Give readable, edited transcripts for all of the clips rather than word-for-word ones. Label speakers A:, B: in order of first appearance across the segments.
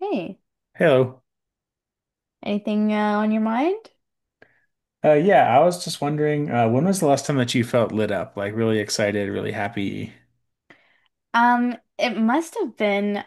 A: Hey,
B: Hello.
A: anything on your mind?
B: Yeah, I was just wondering, when was the last time that you felt lit up? Like really excited, really happy?
A: It must have been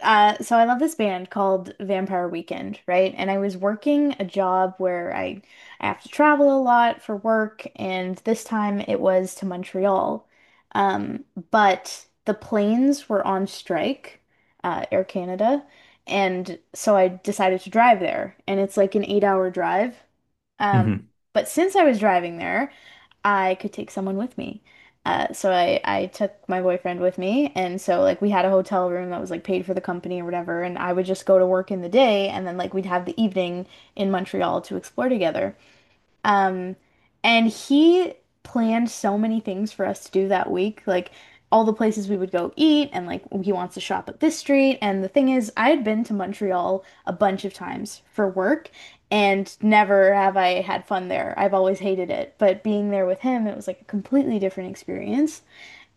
A: so I love this band called Vampire Weekend, right? And I was working a job where I have to travel a lot for work, and this time it was to Montreal. Um, but the planes were on strike, Air Canada, and so I decided to drive there. And it's like an eight-hour drive. Um,
B: hmm
A: but since I was driving there, I could take someone with me. So I took my boyfriend with me, and so like we had a hotel room that was like paid for the company or whatever, and I would just go to work in the day, and then like we'd have the evening in Montreal to explore together. Um, and he planned so many things for us to do that week, like all the places we would go eat, and like he wants to shop at this street. And the thing is, I had been to Montreal a bunch of times for work, and never have I had fun there. I've always hated it. But being there with him, it was like a completely different experience.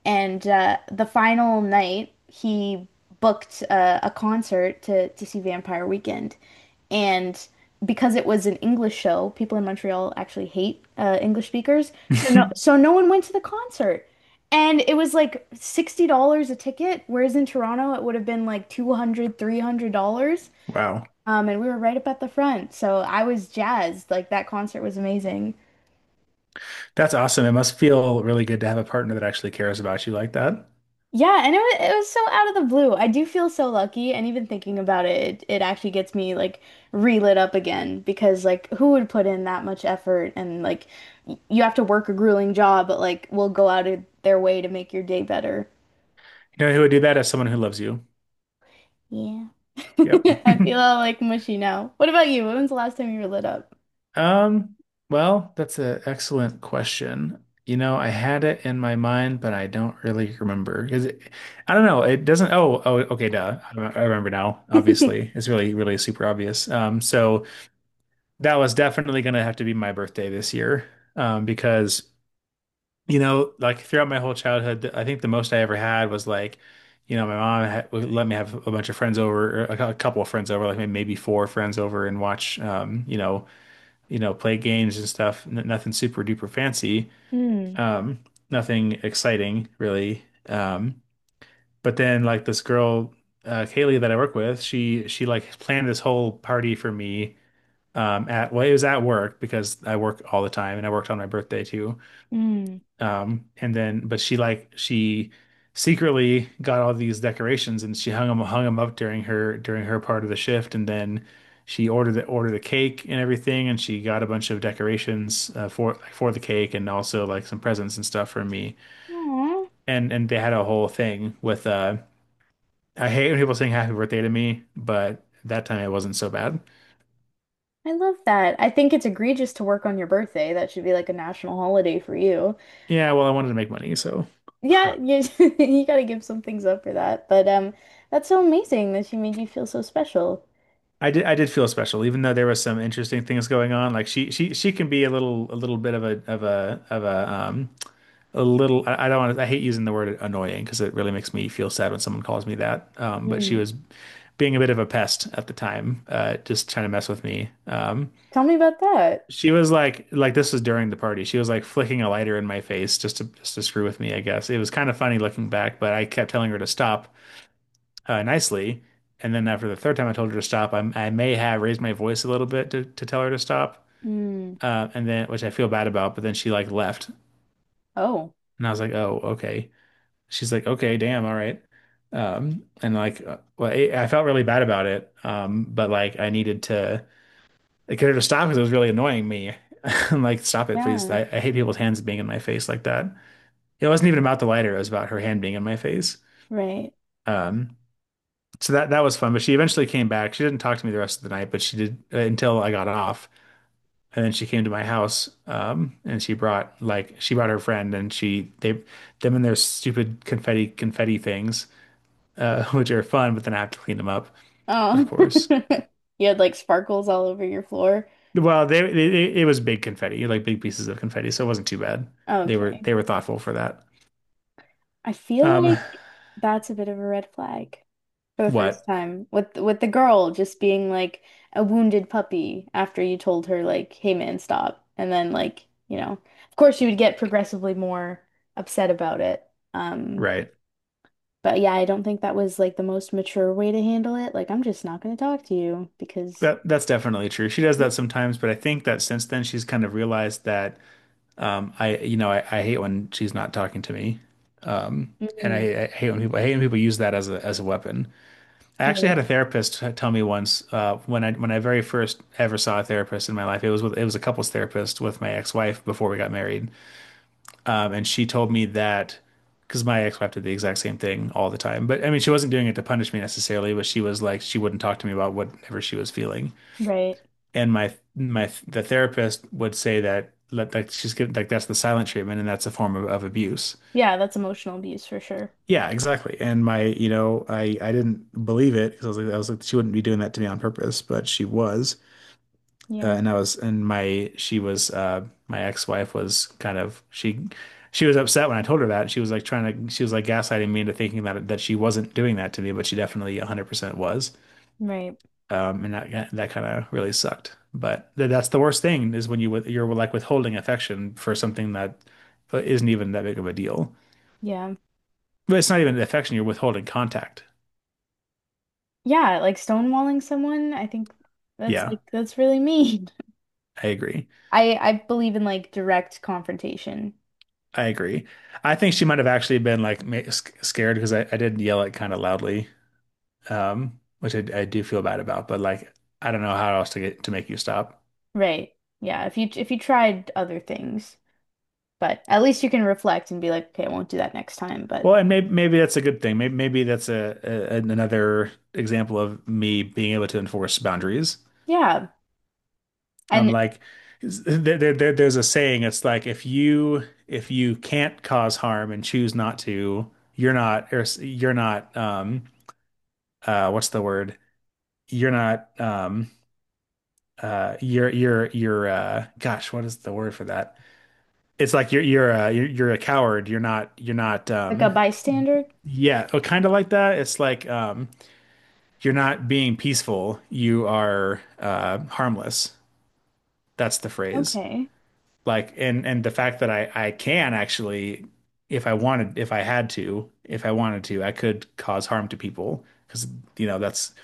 A: And the final night, he booked a concert to see Vampire Weekend. And because it was an English show, people in Montreal actually hate English speakers. So no, so no one went to the concert. And it was like $60 a ticket, whereas in Toronto it would have been like 200, $300.
B: Wow.
A: And we were right up at the front. So I was jazzed. Like that concert was amazing.
B: That's awesome. It must feel really good to have a partner that actually cares about you like that.
A: Yeah, and it was so out of the blue. I do feel so lucky, and even thinking about it, it actually gets me like relit up again because like who would put in that much effort and like you have to work a grueling job, but like will go out of their way to make your day better.
B: You know who would do that as someone who loves you?
A: Yeah.
B: Yep.
A: I feel all like mushy now. What about you? When was the last time you were lit up?
B: Um, well, that's an excellent question. You know, I had it in my mind, but I don't really remember. Is it, I don't know. It doesn't. Oh, oh, okay, duh. I remember now. Obviously, it's really, really super obvious. That was definitely going to have to be my birthday this year, because you know, like throughout my whole childhood, I think the most I ever had was like, you know, my mom had, would let me have a bunch of friends over, or a a couple of friends over, like maybe four friends over, and watch, you know, play games and stuff. N Nothing super duper fancy,
A: Mm,
B: um, nothing exciting really. Um, but then like this girl, Kaylee that I work with, she like planned this whole party for me, at, well, it was at work because I work all the time and I worked on my birthday too.
A: mm.
B: Um and then but she like she secretly got all these decorations and she hung them up during her part of the shift, and then she ordered the cake and everything, and she got a bunch of decorations for like, for the cake and also like some presents and stuff for me.
A: Aw,
B: And they had a whole thing with I hate when people sing happy birthday to me, but that time it wasn't so bad.
A: I love that. I think it's egregious to work on your birthday. That should be like a national holiday for you.
B: Yeah, well, I wanted to make money, so
A: Yeah, you you gotta give some things up for that. But that's so amazing that she made you feel so special.
B: I did feel special, even though there was some interesting things going on. Like she can be a little bit of a of a of a little I don't want to, I hate using the word annoying because it really makes me feel sad when someone calls me that. But she
A: Mm.
B: was being a bit of a pest at the time, just trying to mess with me.
A: Tell me about that.
B: She was like this was during the party. She was like flicking a lighter in my face just to screw with me, I guess. It was kind of funny looking back, but I kept telling her to stop, nicely. And then after the third time I told her to stop, I may have raised my voice a little bit to tell her to stop.
A: Mm.
B: And then, which I feel bad about, but then she like left.
A: Oh,
B: And I was like, oh, okay. She's like, okay, damn, all right. Well, I felt really bad about it. I needed to, I could have stopped because it was really annoying me. I'm like, stop it, please.
A: yeah,
B: I hate people's hands being in my face like that. It wasn't even about the lighter, it was about her hand being in my face.
A: right.
B: Um, So that that was fun, but she eventually came back. She didn't talk to me the rest of the night, but she did, until I got off. And then she came to my house, and she brought like she brought her friend, and she they them and their stupid confetti things, which are fun, but then I have to clean them up, of
A: Oh,
B: course.
A: you had like sparkles all over your floor.
B: Well, they it it was big confetti, like big pieces of confetti, so it wasn't too bad. They were
A: Okay.
B: they were thoughtful for that.
A: I feel
B: Um,
A: like that's a bit of a red flag for the first
B: what?
A: time with the girl just being like a wounded puppy after you told her like, "Hey man, stop." And then like, you know, of course she would get progressively more upset about it. Um,
B: Right.
A: but yeah, I don't think that was like the most mature way to handle it. Like, I'm just not going to talk to you because
B: That's definitely true. She does that sometimes, but I think that since then she's kind of realized that. I, you know, I hate when she's not talking to me, and
A: Mm,
B: I hate when people use that as a weapon. I actually had
A: right,
B: a therapist tell me once when I very first ever saw a therapist in my life. It was with, it was a couples therapist with my ex wife before we got married, and she told me that because my ex wife did the exact same thing all the time. But I mean, she wasn't doing it to punish me necessarily, but she was like she wouldn't talk to me about whatever she was feeling.
A: right.
B: And my the therapist would say that like she's given like that's the silent treatment and that's a form of abuse.
A: Yeah, that's emotional abuse for sure.
B: Yeah, exactly. And my, you know, I didn't believe it because I was like, she wouldn't be doing that to me on purpose, but she was.
A: Yeah,
B: And I was, and my, she was, My ex-wife was kind of, she was upset when I told her that. She was like gaslighting me into thinking that she wasn't doing that to me, but she definitely 100% was.
A: right.
B: And that kind of really sucked. But th that's the worst thing is when you're like withholding affection for something that isn't even that big of a deal.
A: Yeah.
B: But it's not even affection, you're withholding contact.
A: Yeah, like stonewalling someone, I think that's
B: Yeah.
A: like that's really mean.
B: I agree.
A: I believe in like direct confrontation.
B: I agree. I think she might have actually been like scared because I did yell it kind of loudly, which I do feel bad about. But like, I don't know how else to get to make you stop.
A: Right. Yeah, if you tried other things, but at least you can reflect and be like, okay, I won't do that next time. But
B: Well, and maybe that's a good thing. Maybe that's a another example of me being able to enforce boundaries.
A: yeah,
B: I'm
A: and
B: like, there's a saying. It's like if you can't cause harm and choose not to, you're not, or you're not what's the word? You're not you're you're gosh, what is the word for that? It's like you're a coward, you're not
A: like a bystander,
B: yeah, oh, kind of like that. It's like, you're not being peaceful, you are harmless. That's the phrase.
A: okay.
B: Like, and the fact that I can actually, if I had to, if I wanted to, I could cause harm to people, because, you know, that's,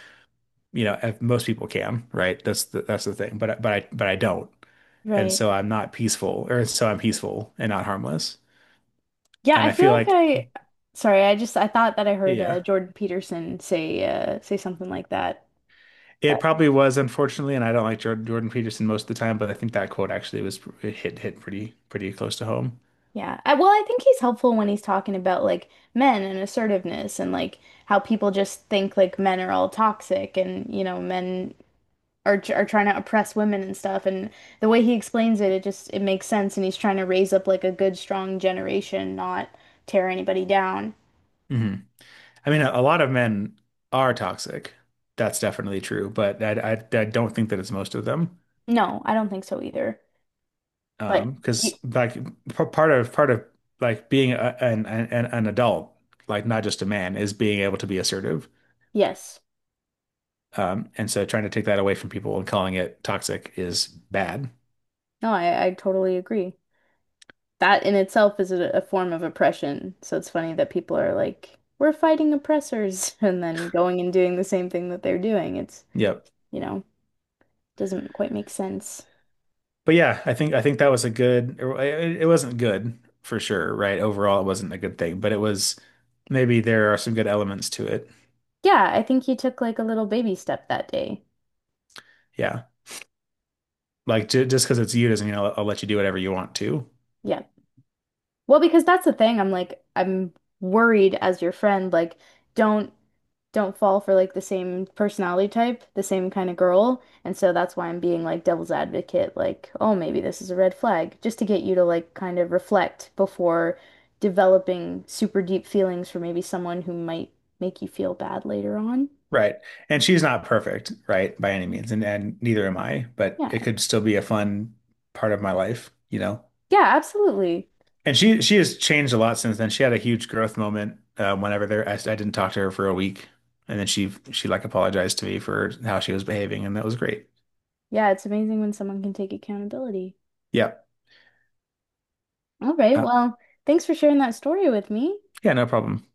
B: you know, if most people can, right? That's the thing. But I don't, and
A: Right.
B: so I'm not peaceful, or so I'm peaceful and not harmless.
A: Yeah, I
B: And I
A: feel
B: feel
A: like
B: like,
A: I sorry, I just I thought that I heard
B: yeah,
A: Jordan Peterson say say something like that.
B: it probably was, unfortunately, and I don't like Jordan Peterson most of the time, but I think that quote actually was, it hit pretty pretty close to home.
A: Yeah. I, well, I think he's helpful when he's talking about like men and assertiveness and like how people just think like men are all toxic and you know men are trying to oppress women and stuff and the way he explains it it just it makes sense and he's trying to raise up like a good strong generation, not tear anybody down.
B: hmm I mean, a lot of men are toxic. That's definitely true, but I don't think that it's most of them.
A: No, I don't think so either. But
B: Because
A: you,
B: like part of like being a, an adult, like not just a man, is being able to be assertive.
A: yes.
B: Um, and so trying to take that away from people and calling it toxic is bad.
A: No, I totally agree. That in itself is a form of oppression. So it's funny that people are like, we're fighting oppressors, and then going and doing the same thing that they're doing. It's,
B: Yep.
A: you know, doesn't quite make sense.
B: But yeah, I think that was a good, it wasn't good for sure, right, overall it wasn't a good thing, but it was, maybe there are some good elements to it.
A: Yeah, I think he took like a little baby step that day.
B: Yeah, like, j just because it's you doesn't mean I'll let you do whatever you want to.
A: Yeah. Well, because that's the thing. I'm like, I'm worried as your friend, like, don't don't fall for like the same personality type, the same kind of girl. And so that's why I'm being like devil's advocate, like, oh, maybe this is a red flag, just to get you to like kind of reflect before developing super deep feelings for maybe someone who might make you feel bad later on.
B: Right. And she's not perfect, right, by any means, and neither am I, but it
A: Yeah.
B: could still be a fun part of my life, you know.
A: Yeah, absolutely.
B: And she has changed a lot since then. She had a huge growth moment, whenever there I didn't talk to her for a week, and then she like apologized to me for how she was behaving, and that was great.
A: Yeah, it's amazing when someone can take accountability.
B: Yeah.
A: All right.
B: Uh,
A: Well, thanks for sharing that story with me.
B: yeah, no problem.